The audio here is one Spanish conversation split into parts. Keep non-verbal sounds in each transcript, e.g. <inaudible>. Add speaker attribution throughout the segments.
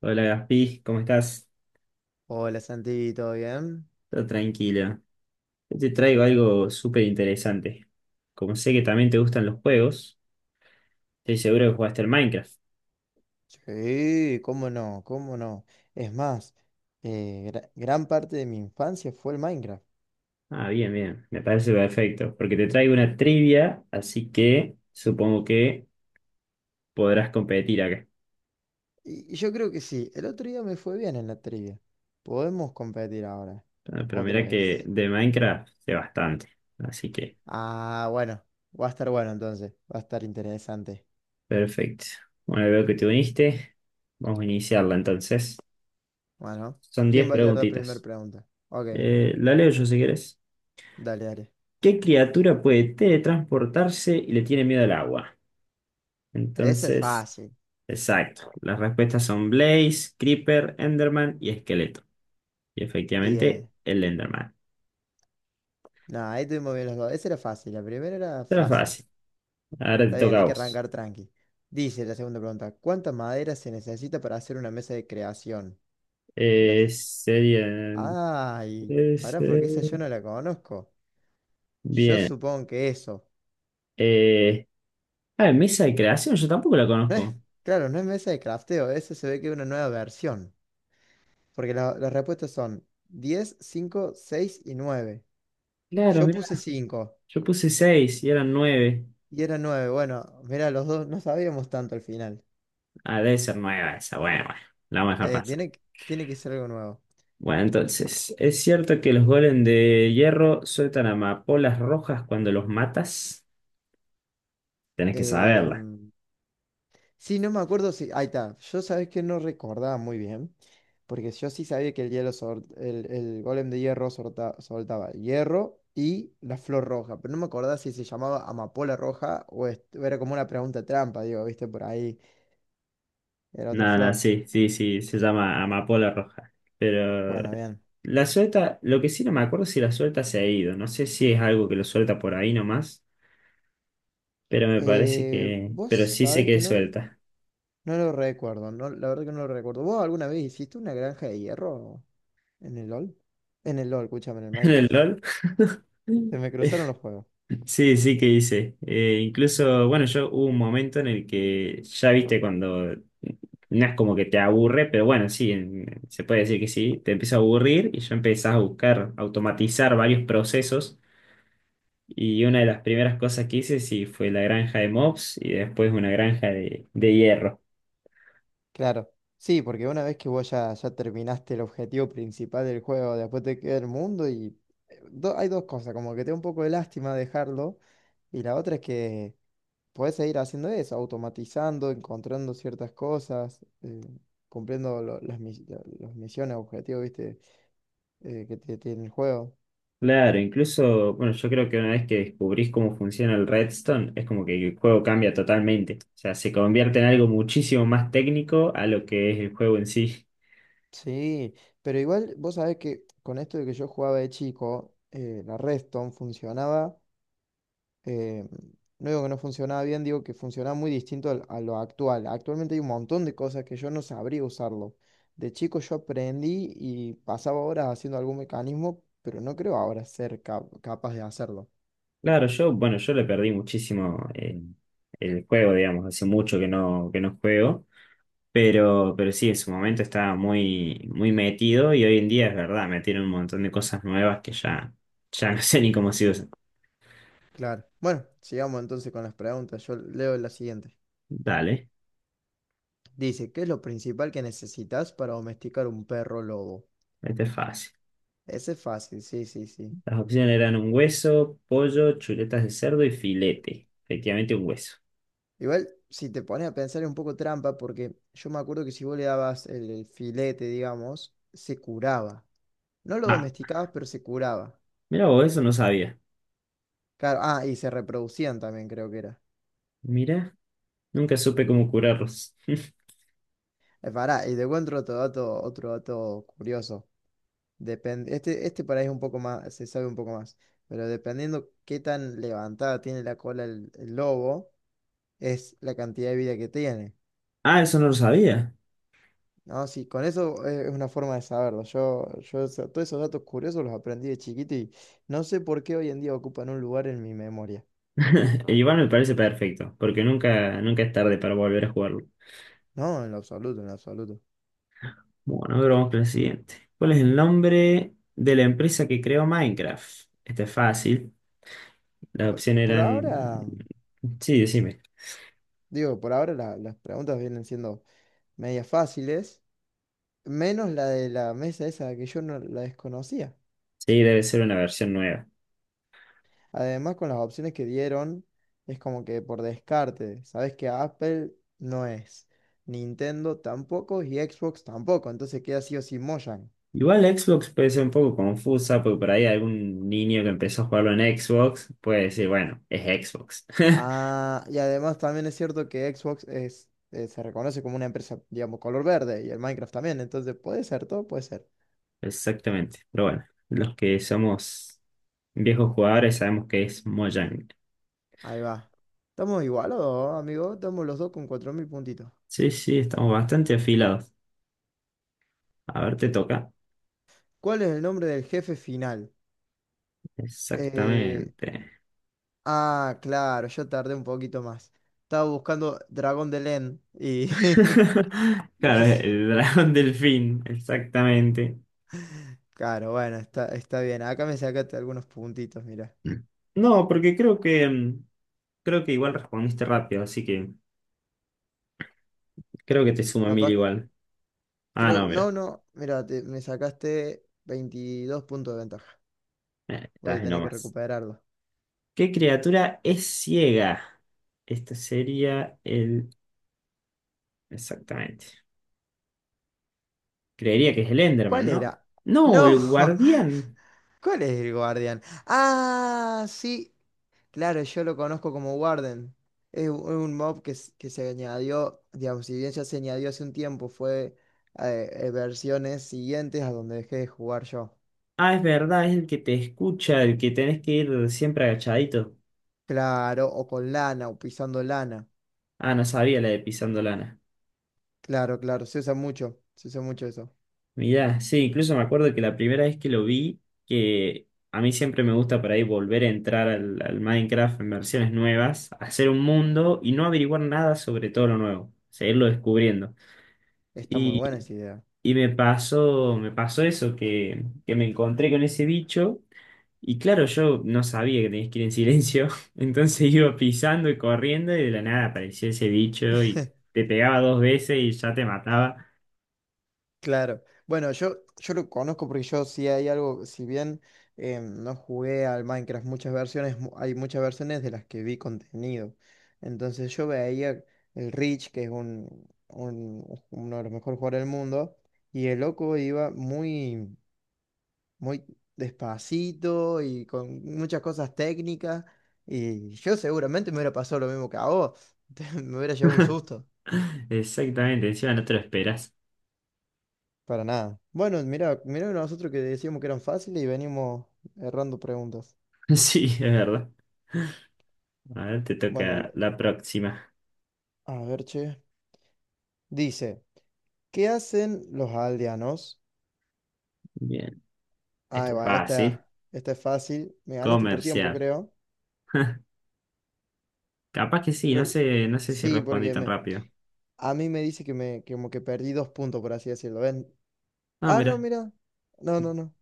Speaker 1: Hola Gaspi, ¿cómo estás?
Speaker 2: Hola Santi, ¿todo bien?
Speaker 1: Todo tranquila. Yo te traigo algo súper interesante. Como sé que también te gustan los juegos, estoy seguro que jugaste al Minecraft.
Speaker 2: Sí, cómo no, cómo no. Es más, gran parte de mi infancia fue el Minecraft.
Speaker 1: Ah, bien, bien, me parece perfecto, porque te traigo una trivia, así que supongo que podrás competir acá.
Speaker 2: Y yo creo que sí, el otro día me fue bien en la trivia. Podemos competir ahora,
Speaker 1: Ah, pero
Speaker 2: otra
Speaker 1: mira que
Speaker 2: vez.
Speaker 1: de Minecraft sé bastante, así que
Speaker 2: Ah, bueno, va a estar bueno entonces, va a estar interesante.
Speaker 1: perfecto. Bueno, veo que te uniste, vamos a iniciarla entonces.
Speaker 2: Bueno,
Speaker 1: Son
Speaker 2: ¿quién
Speaker 1: 10
Speaker 2: va a leer la primera
Speaker 1: preguntitas.
Speaker 2: pregunta? Ok,
Speaker 1: La leo yo si quieres.
Speaker 2: dale, dale.
Speaker 1: ¿Qué criatura puede teletransportarse y le tiene miedo al agua?
Speaker 2: Ese es
Speaker 1: Entonces,
Speaker 2: fácil.
Speaker 1: exacto. Las respuestas son Blaze, Creeper, Enderman y Esqueleto. Y
Speaker 2: Y,
Speaker 1: efectivamente,
Speaker 2: eh,
Speaker 1: el Enderman.
Speaker 2: no, ahí tuvimos bien los dos. Ese era fácil, la primera era
Speaker 1: Era
Speaker 2: fácil.
Speaker 1: fácil. Ahora te
Speaker 2: Está bien,
Speaker 1: toca a
Speaker 2: hay que
Speaker 1: vos.
Speaker 2: arrancar tranqui. Dice la segunda pregunta, ¿cuánta madera se necesita para hacer una mesa de creación? La... f-
Speaker 1: Serían
Speaker 2: Ay, pará,
Speaker 1: 13.
Speaker 2: porque esa yo no la conozco. Yo
Speaker 1: Bien.
Speaker 2: supongo que eso.
Speaker 1: Eh, Mesa de creación, yo tampoco la
Speaker 2: No
Speaker 1: conozco.
Speaker 2: es, claro, no es mesa de crafteo, eso se ve que es una nueva versión. Porque las respuestas son 10, 5, 6 y 9.
Speaker 1: Claro,
Speaker 2: Yo
Speaker 1: mira,
Speaker 2: puse 5
Speaker 1: yo puse seis y eran 9.
Speaker 2: y era 9. Bueno, mira, los dos no sabíamos tanto al final.
Speaker 1: Ah, debe ser nueve, esa. Bueno, bueno, la vamos a dejar
Speaker 2: Eh,
Speaker 1: pasar.
Speaker 2: tiene, que- tiene que ser algo nuevo.
Speaker 1: Bueno, entonces, ¿es cierto que los golems de hierro sueltan amapolas rojas cuando los matas? Tenés que saberla.
Speaker 2: Em, Sí, no me acuerdo si. Ahí está. Yo sabes que no recordaba muy bien. Porque yo sí sabía que el golem de hierro soltaba hierro y la flor roja. Pero no me acordaba si se llamaba amapola roja o era como una pregunta trampa, digo, viste, por ahí era otra
Speaker 1: No, no,
Speaker 2: flor.
Speaker 1: sí, sí, sí, se llama amapola roja. Pero
Speaker 2: Bueno, bien.
Speaker 1: la suelta, lo que sí no me acuerdo si la suelta se ha ido. No sé si es algo que lo suelta por ahí nomás, pero me parece que...
Speaker 2: Vos
Speaker 1: pero sí sé
Speaker 2: sabés
Speaker 1: que
Speaker 2: que no,
Speaker 1: suelta.
Speaker 2: no lo recuerdo. No, la verdad que no lo recuerdo. ¿Vos alguna vez hiciste una granja de hierro en el LOL? En el LOL, escúchame, en el
Speaker 1: <laughs> ¿En el
Speaker 2: Minecraft.
Speaker 1: LOL?
Speaker 2: Se
Speaker 1: <laughs>
Speaker 2: me cruzaron los juegos.
Speaker 1: Sí, sí que hice. Incluso, bueno, yo hubo un momento en el que ya viste cuando no es como que te aburre, pero bueno, sí, se puede decir que sí, te empieza a aburrir y ya empezás a buscar automatizar varios procesos. Y una de las primeras cosas que hice sí fue la granja de mobs y después una granja de hierro.
Speaker 2: Claro, sí, porque una vez que vos ya terminaste el objetivo principal del juego, después te queda el mundo y hay dos cosas, como que te da un poco de lástima dejarlo y la otra es que podés seguir haciendo eso, automatizando, encontrando ciertas cosas, cumpliendo las misiones, objetivos, viste, que te tiene el juego.
Speaker 1: Claro, incluso, bueno, yo creo que una vez que descubrís cómo funciona el redstone, es como que el juego cambia totalmente. O sea, se convierte en algo muchísimo más técnico a lo que es el juego en sí.
Speaker 2: Sí, pero igual vos sabés que con esto de que yo jugaba de chico, la Redstone funcionaba. eh, no digo que no funcionaba bien, digo que funcionaba muy distinto a lo actual. Actualmente hay un montón de cosas que yo no sabría usarlo. De chico yo aprendí y pasaba horas haciendo algún mecanismo, pero no creo ahora ser capaz de hacerlo.
Speaker 1: Claro, yo, bueno, yo le perdí muchísimo el juego, digamos, hace mucho que no juego, pero sí, en su momento estaba muy, muy metido y hoy en día es verdad, metieron un montón de cosas nuevas que ya, ya no <laughs> sé ni cómo se usan.
Speaker 2: Claro. Bueno, sigamos entonces con las preguntas. Yo leo la siguiente.
Speaker 1: Dale,
Speaker 2: Dice, ¿qué es lo principal que necesitas para domesticar un perro lobo?
Speaker 1: este es fácil.
Speaker 2: Ese es fácil, sí, sí, sí.
Speaker 1: Las opciones eran un hueso, pollo, chuletas de cerdo y filete. Efectivamente, un hueso.
Speaker 2: Igual, si te pones a pensar es un poco trampa, porque yo me acuerdo que si vos le dabas el filete, digamos, se curaba. No lo
Speaker 1: Ah,
Speaker 2: domesticabas, pero se curaba.
Speaker 1: mira vos, eso no sabía.
Speaker 2: Claro, ah, y se reproducían también, creo que era.
Speaker 1: Mira, nunca supe cómo curarlos. <laughs>
Speaker 2: Pará, y te encuentro otro dato curioso. Depende, este por ahí es un poco más, se sabe un poco más. Pero dependiendo qué tan levantada tiene la cola el lobo, es la cantidad de vida que tiene.
Speaker 1: Ah, eso no lo sabía.
Speaker 2: No, sí, con eso es una forma de saberlo. Yo todos esos datos curiosos los aprendí de chiquito y no sé por qué hoy en día ocupan un lugar en mi memoria.
Speaker 1: <laughs> Igual me parece perfecto, porque nunca, nunca es tarde para volver a jugarlo.
Speaker 2: No, en lo absoluto, en lo absoluto.
Speaker 1: Bueno, ahora vamos con el siguiente. ¿Cuál es el nombre de la empresa que creó Minecraft? Este es fácil. Las
Speaker 2: Por,
Speaker 1: opciones
Speaker 2: por
Speaker 1: eran...
Speaker 2: ahora,
Speaker 1: Sí, decime.
Speaker 2: digo, por ahora las preguntas vienen siendo medias fáciles, menos la de la mesa esa que yo no la desconocía.
Speaker 1: Sí, debe ser una versión nueva.
Speaker 2: Además, con las opciones que dieron, es como que por descarte, sabes que Apple no es, Nintendo tampoco y Xbox tampoco, entonces queda sí o sí Mojang.
Speaker 1: Igual Xbox puede ser un poco confusa, porque por ahí algún niño que empezó a jugarlo en Xbox puede decir, bueno, es Xbox. <laughs>
Speaker 2: Ah, y además también es cierto que Xbox es, se reconoce como una empresa, digamos, color verde y el Minecraft también, entonces puede ser, todo puede ser.
Speaker 1: Exactamente. Pero bueno, los que somos viejos jugadores sabemos que es Mojang.
Speaker 2: Ahí va. Estamos igualados, amigo, estamos los dos con 4.000 puntitos.
Speaker 1: Sí, sí, estamos bastante afilados. A ver, te toca.
Speaker 2: ¿Cuál es el nombre del jefe final? Eh,
Speaker 1: Exactamente.
Speaker 2: ah, claro, yo tardé un poquito más. Estaba buscando Dragón de Len y...
Speaker 1: <laughs>
Speaker 2: <laughs>
Speaker 1: Claro,
Speaker 2: y se-
Speaker 1: el dragón <laughs> delfín, exactamente.
Speaker 2: Claro, bueno, está bien. Acá me sacaste algunos puntitos, mira.
Speaker 1: No, porque creo que mm, creo que igual respondiste rápido, así que creo que te suma mil
Speaker 2: Capaz,
Speaker 1: igual. Ah, no,
Speaker 2: creo,
Speaker 1: mira.
Speaker 2: no, no, mira, me sacaste 22 puntos de ventaja. Voy
Speaker 1: Estás
Speaker 2: a
Speaker 1: en
Speaker 2: tener que
Speaker 1: nomás.
Speaker 2: recuperarlo.
Speaker 1: ¿Qué criatura es ciega? Este sería el. Exactamente. Creería que es el Enderman,
Speaker 2: ¿Cuál
Speaker 1: ¿no?
Speaker 2: era?
Speaker 1: No,
Speaker 2: No,
Speaker 1: el
Speaker 2: <laughs>
Speaker 1: guardián.
Speaker 2: ¿cuál es el guardián? Ah, sí, claro, yo lo conozco como Warden. Es un mob que se añadió, digamos, si bien ya se añadió hace un tiempo, fue versiones siguientes a donde dejé de jugar yo.
Speaker 1: Ah, es verdad, es el que te escucha, el que tenés que ir siempre agachadito.
Speaker 2: Claro, o con lana, o pisando lana.
Speaker 1: Ah, no sabía la de Pisando Lana.
Speaker 2: Claro, claro, se usa mucho eso.
Speaker 1: Mirá, sí, incluso me acuerdo que la primera vez que lo vi, que a mí siempre me gusta por ahí volver a entrar al Minecraft en versiones nuevas, hacer un mundo y no averiguar nada sobre todo lo nuevo, seguirlo descubriendo.
Speaker 2: Está muy buena
Speaker 1: Y,
Speaker 2: esa idea.
Speaker 1: y me pasó eso, que me encontré con ese bicho y claro, yo no sabía que tenías que ir en silencio, <laughs> entonces iba pisando y corriendo y de la nada apareció ese bicho y te pegaba 2 veces y ya te mataba.
Speaker 2: Claro. Bueno, yo lo conozco porque yo sí hay algo, si bien no jugué al Minecraft muchas versiones, hay muchas versiones de las que vi contenido. Entonces yo veía el Rich, que es uno de los mejores jugadores del mundo, y el loco iba muy, muy despacito y con muchas cosas técnicas, y yo seguramente me hubiera pasado lo mismo que a vos, <laughs> me hubiera llevado un susto.
Speaker 1: Exactamente, encima no te lo esperas.
Speaker 2: Para nada. Bueno, mira, mira nosotros que decíamos que eran fáciles y venimos errando preguntas.
Speaker 1: <laughs> Sí, es verdad. A ver, te
Speaker 2: Bueno,
Speaker 1: toca la próxima.
Speaker 2: a ver, che. Dice, ¿qué hacen los aldeanos?
Speaker 1: Bien,
Speaker 2: Ah,
Speaker 1: esto es
Speaker 2: va,
Speaker 1: fácil.
Speaker 2: esta es fácil. Me ganaste por tiempo,
Speaker 1: Comercial.
Speaker 2: creo.
Speaker 1: <laughs> Capaz que sí, no
Speaker 2: Creo,
Speaker 1: sé, no sé si
Speaker 2: sí,
Speaker 1: respondí
Speaker 2: porque
Speaker 1: tan rápido.
Speaker 2: a mí me dice que que como que perdí dos puntos, por así decirlo. ¿Ven?
Speaker 1: Ah,
Speaker 2: Ah, no,
Speaker 1: mira.
Speaker 2: mira. No, no, no.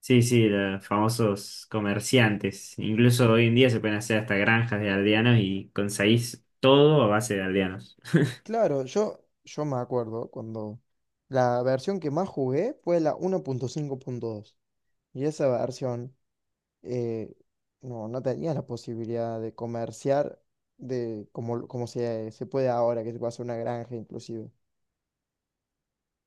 Speaker 1: Sí, sí, los famosos comerciantes. Incluso hoy en día se pueden hacer hasta granjas de aldeanos y conseguís todo a base de aldeanos.
Speaker 2: Claro, yo me acuerdo cuando la versión que más jugué fue la 1.5.2. Y esa versión, eh, no, no tenías la posibilidad de comerciar como se puede ahora, que se puede hacer una granja inclusive.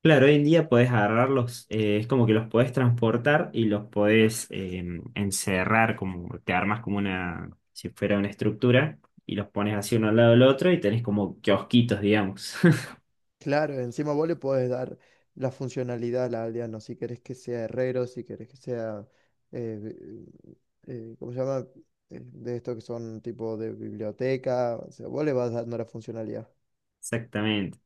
Speaker 1: Claro, hoy en día podés agarrarlos, es como que los podés transportar y los podés encerrar, como te armas como una, si fuera una estructura, y los pones así uno al lado del otro y tenés como kiosquitos, digamos. <laughs>
Speaker 2: Claro, encima vos le podés dar la funcionalidad al aldeano, si querés que sea herrero, si querés que sea, eh, ¿cómo se llama? De estos que son tipo de biblioteca, o sea, vos le vas dando la funcionalidad.
Speaker 1: Exactamente.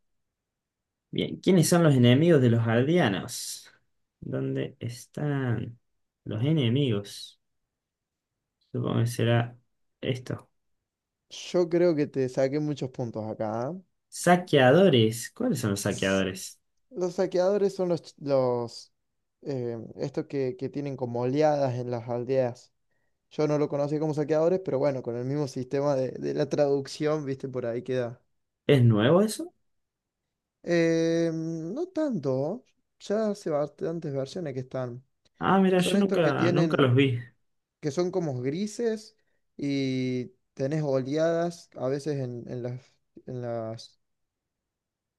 Speaker 1: Bien, ¿quiénes son los enemigos de los aldeanos? ¿Dónde están los enemigos? Supongo que será esto.
Speaker 2: Yo creo que te saqué muchos puntos acá.
Speaker 1: Saqueadores. ¿Cuáles son los
Speaker 2: ¿Ah?
Speaker 1: saqueadores?
Speaker 2: Los saqueadores son los estos que tienen como oleadas en las aldeas. Yo no lo conocí como saqueadores, pero bueno, con el mismo sistema de la traducción, viste, por ahí queda.
Speaker 1: ¿Es nuevo eso?
Speaker 2: No tanto, ya hace bastantes versiones que están.
Speaker 1: Ah, mira,
Speaker 2: Son
Speaker 1: yo
Speaker 2: estos que
Speaker 1: nunca, nunca los
Speaker 2: tienen,
Speaker 1: vi.
Speaker 2: que son como grises y tenés oleadas a veces en, en las, en las,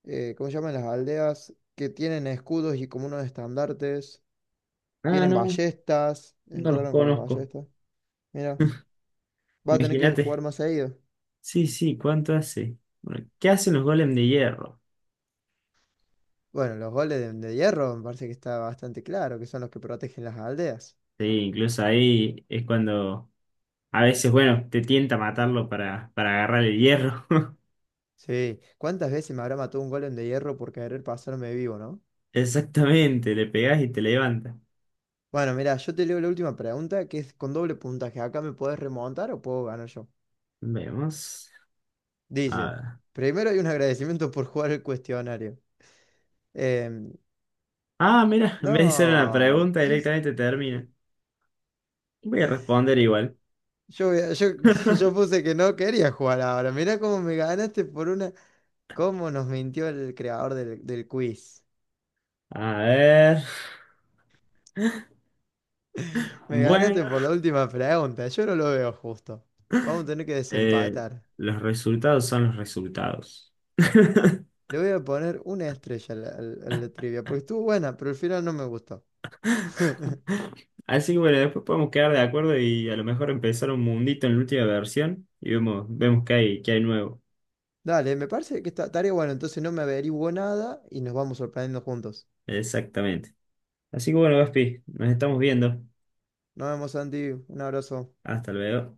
Speaker 2: eh, ¿cómo se llaman? Las aldeas que tienen escudos y como unos estandartes.
Speaker 1: Ah,
Speaker 2: Tienen
Speaker 1: no.
Speaker 2: ballestas.
Speaker 1: No los
Speaker 2: Entraron con las
Speaker 1: conozco.
Speaker 2: ballestas. Mira, va a tener que jugar
Speaker 1: Imagínate.
Speaker 2: más seguido.
Speaker 1: Sí, sí, ¿cuánto hace? Bueno, ¿qué hacen los golems de hierro?
Speaker 2: Bueno, los goles de hierro me parece que está bastante claro, que son los que protegen las aldeas.
Speaker 1: Sí, incluso ahí es cuando a veces, bueno, te tienta matarlo para agarrar el hierro. <laughs>
Speaker 2: Sí, ¿cuántas veces me habrá matado un golem de hierro por querer pasarme vivo, no?
Speaker 1: Exactamente, le pegas y te levanta.
Speaker 2: Bueno, mira, yo te leo la última pregunta, que es con doble puntaje. ¿Acá me podés remontar o puedo ganar yo?
Speaker 1: Vemos. A
Speaker 2: Dice,
Speaker 1: ver.
Speaker 2: primero hay un agradecimiento por jugar el cuestionario. Em,
Speaker 1: Ah, mira, en vez de hacer una
Speaker 2: no,
Speaker 1: pregunta,
Speaker 2: es,
Speaker 1: directamente termina. Voy a responder igual.
Speaker 2: yo, voy a- yo, <laughs> yo puse que no quería jugar ahora. Mira cómo me ganaste por una... ¿Cómo nos mintió el creador del quiz?
Speaker 1: A ver.
Speaker 2: Me
Speaker 1: Bueno,
Speaker 2: ganaste por la última pregunta, yo no lo veo justo. Vamos a tener que
Speaker 1: eh,
Speaker 2: desempatar.
Speaker 1: los resultados son los resultados. <laughs>
Speaker 2: Le voy a poner una estrella a la trivia, porque estuvo buena, pero al final no me gustó. <laughs>
Speaker 1: Así que bueno, después podemos quedar de acuerdo y a lo mejor empezar un mundito en la última versión y vemos, vemos qué hay nuevo.
Speaker 2: Dale, me parece que esta tarea bueno, entonces no me averiguo nada y nos vamos sorprendiendo juntos.
Speaker 1: Exactamente. Así que bueno, Gaspi, nos estamos viendo.
Speaker 2: Nos vemos, Santi, un abrazo.
Speaker 1: Hasta luego.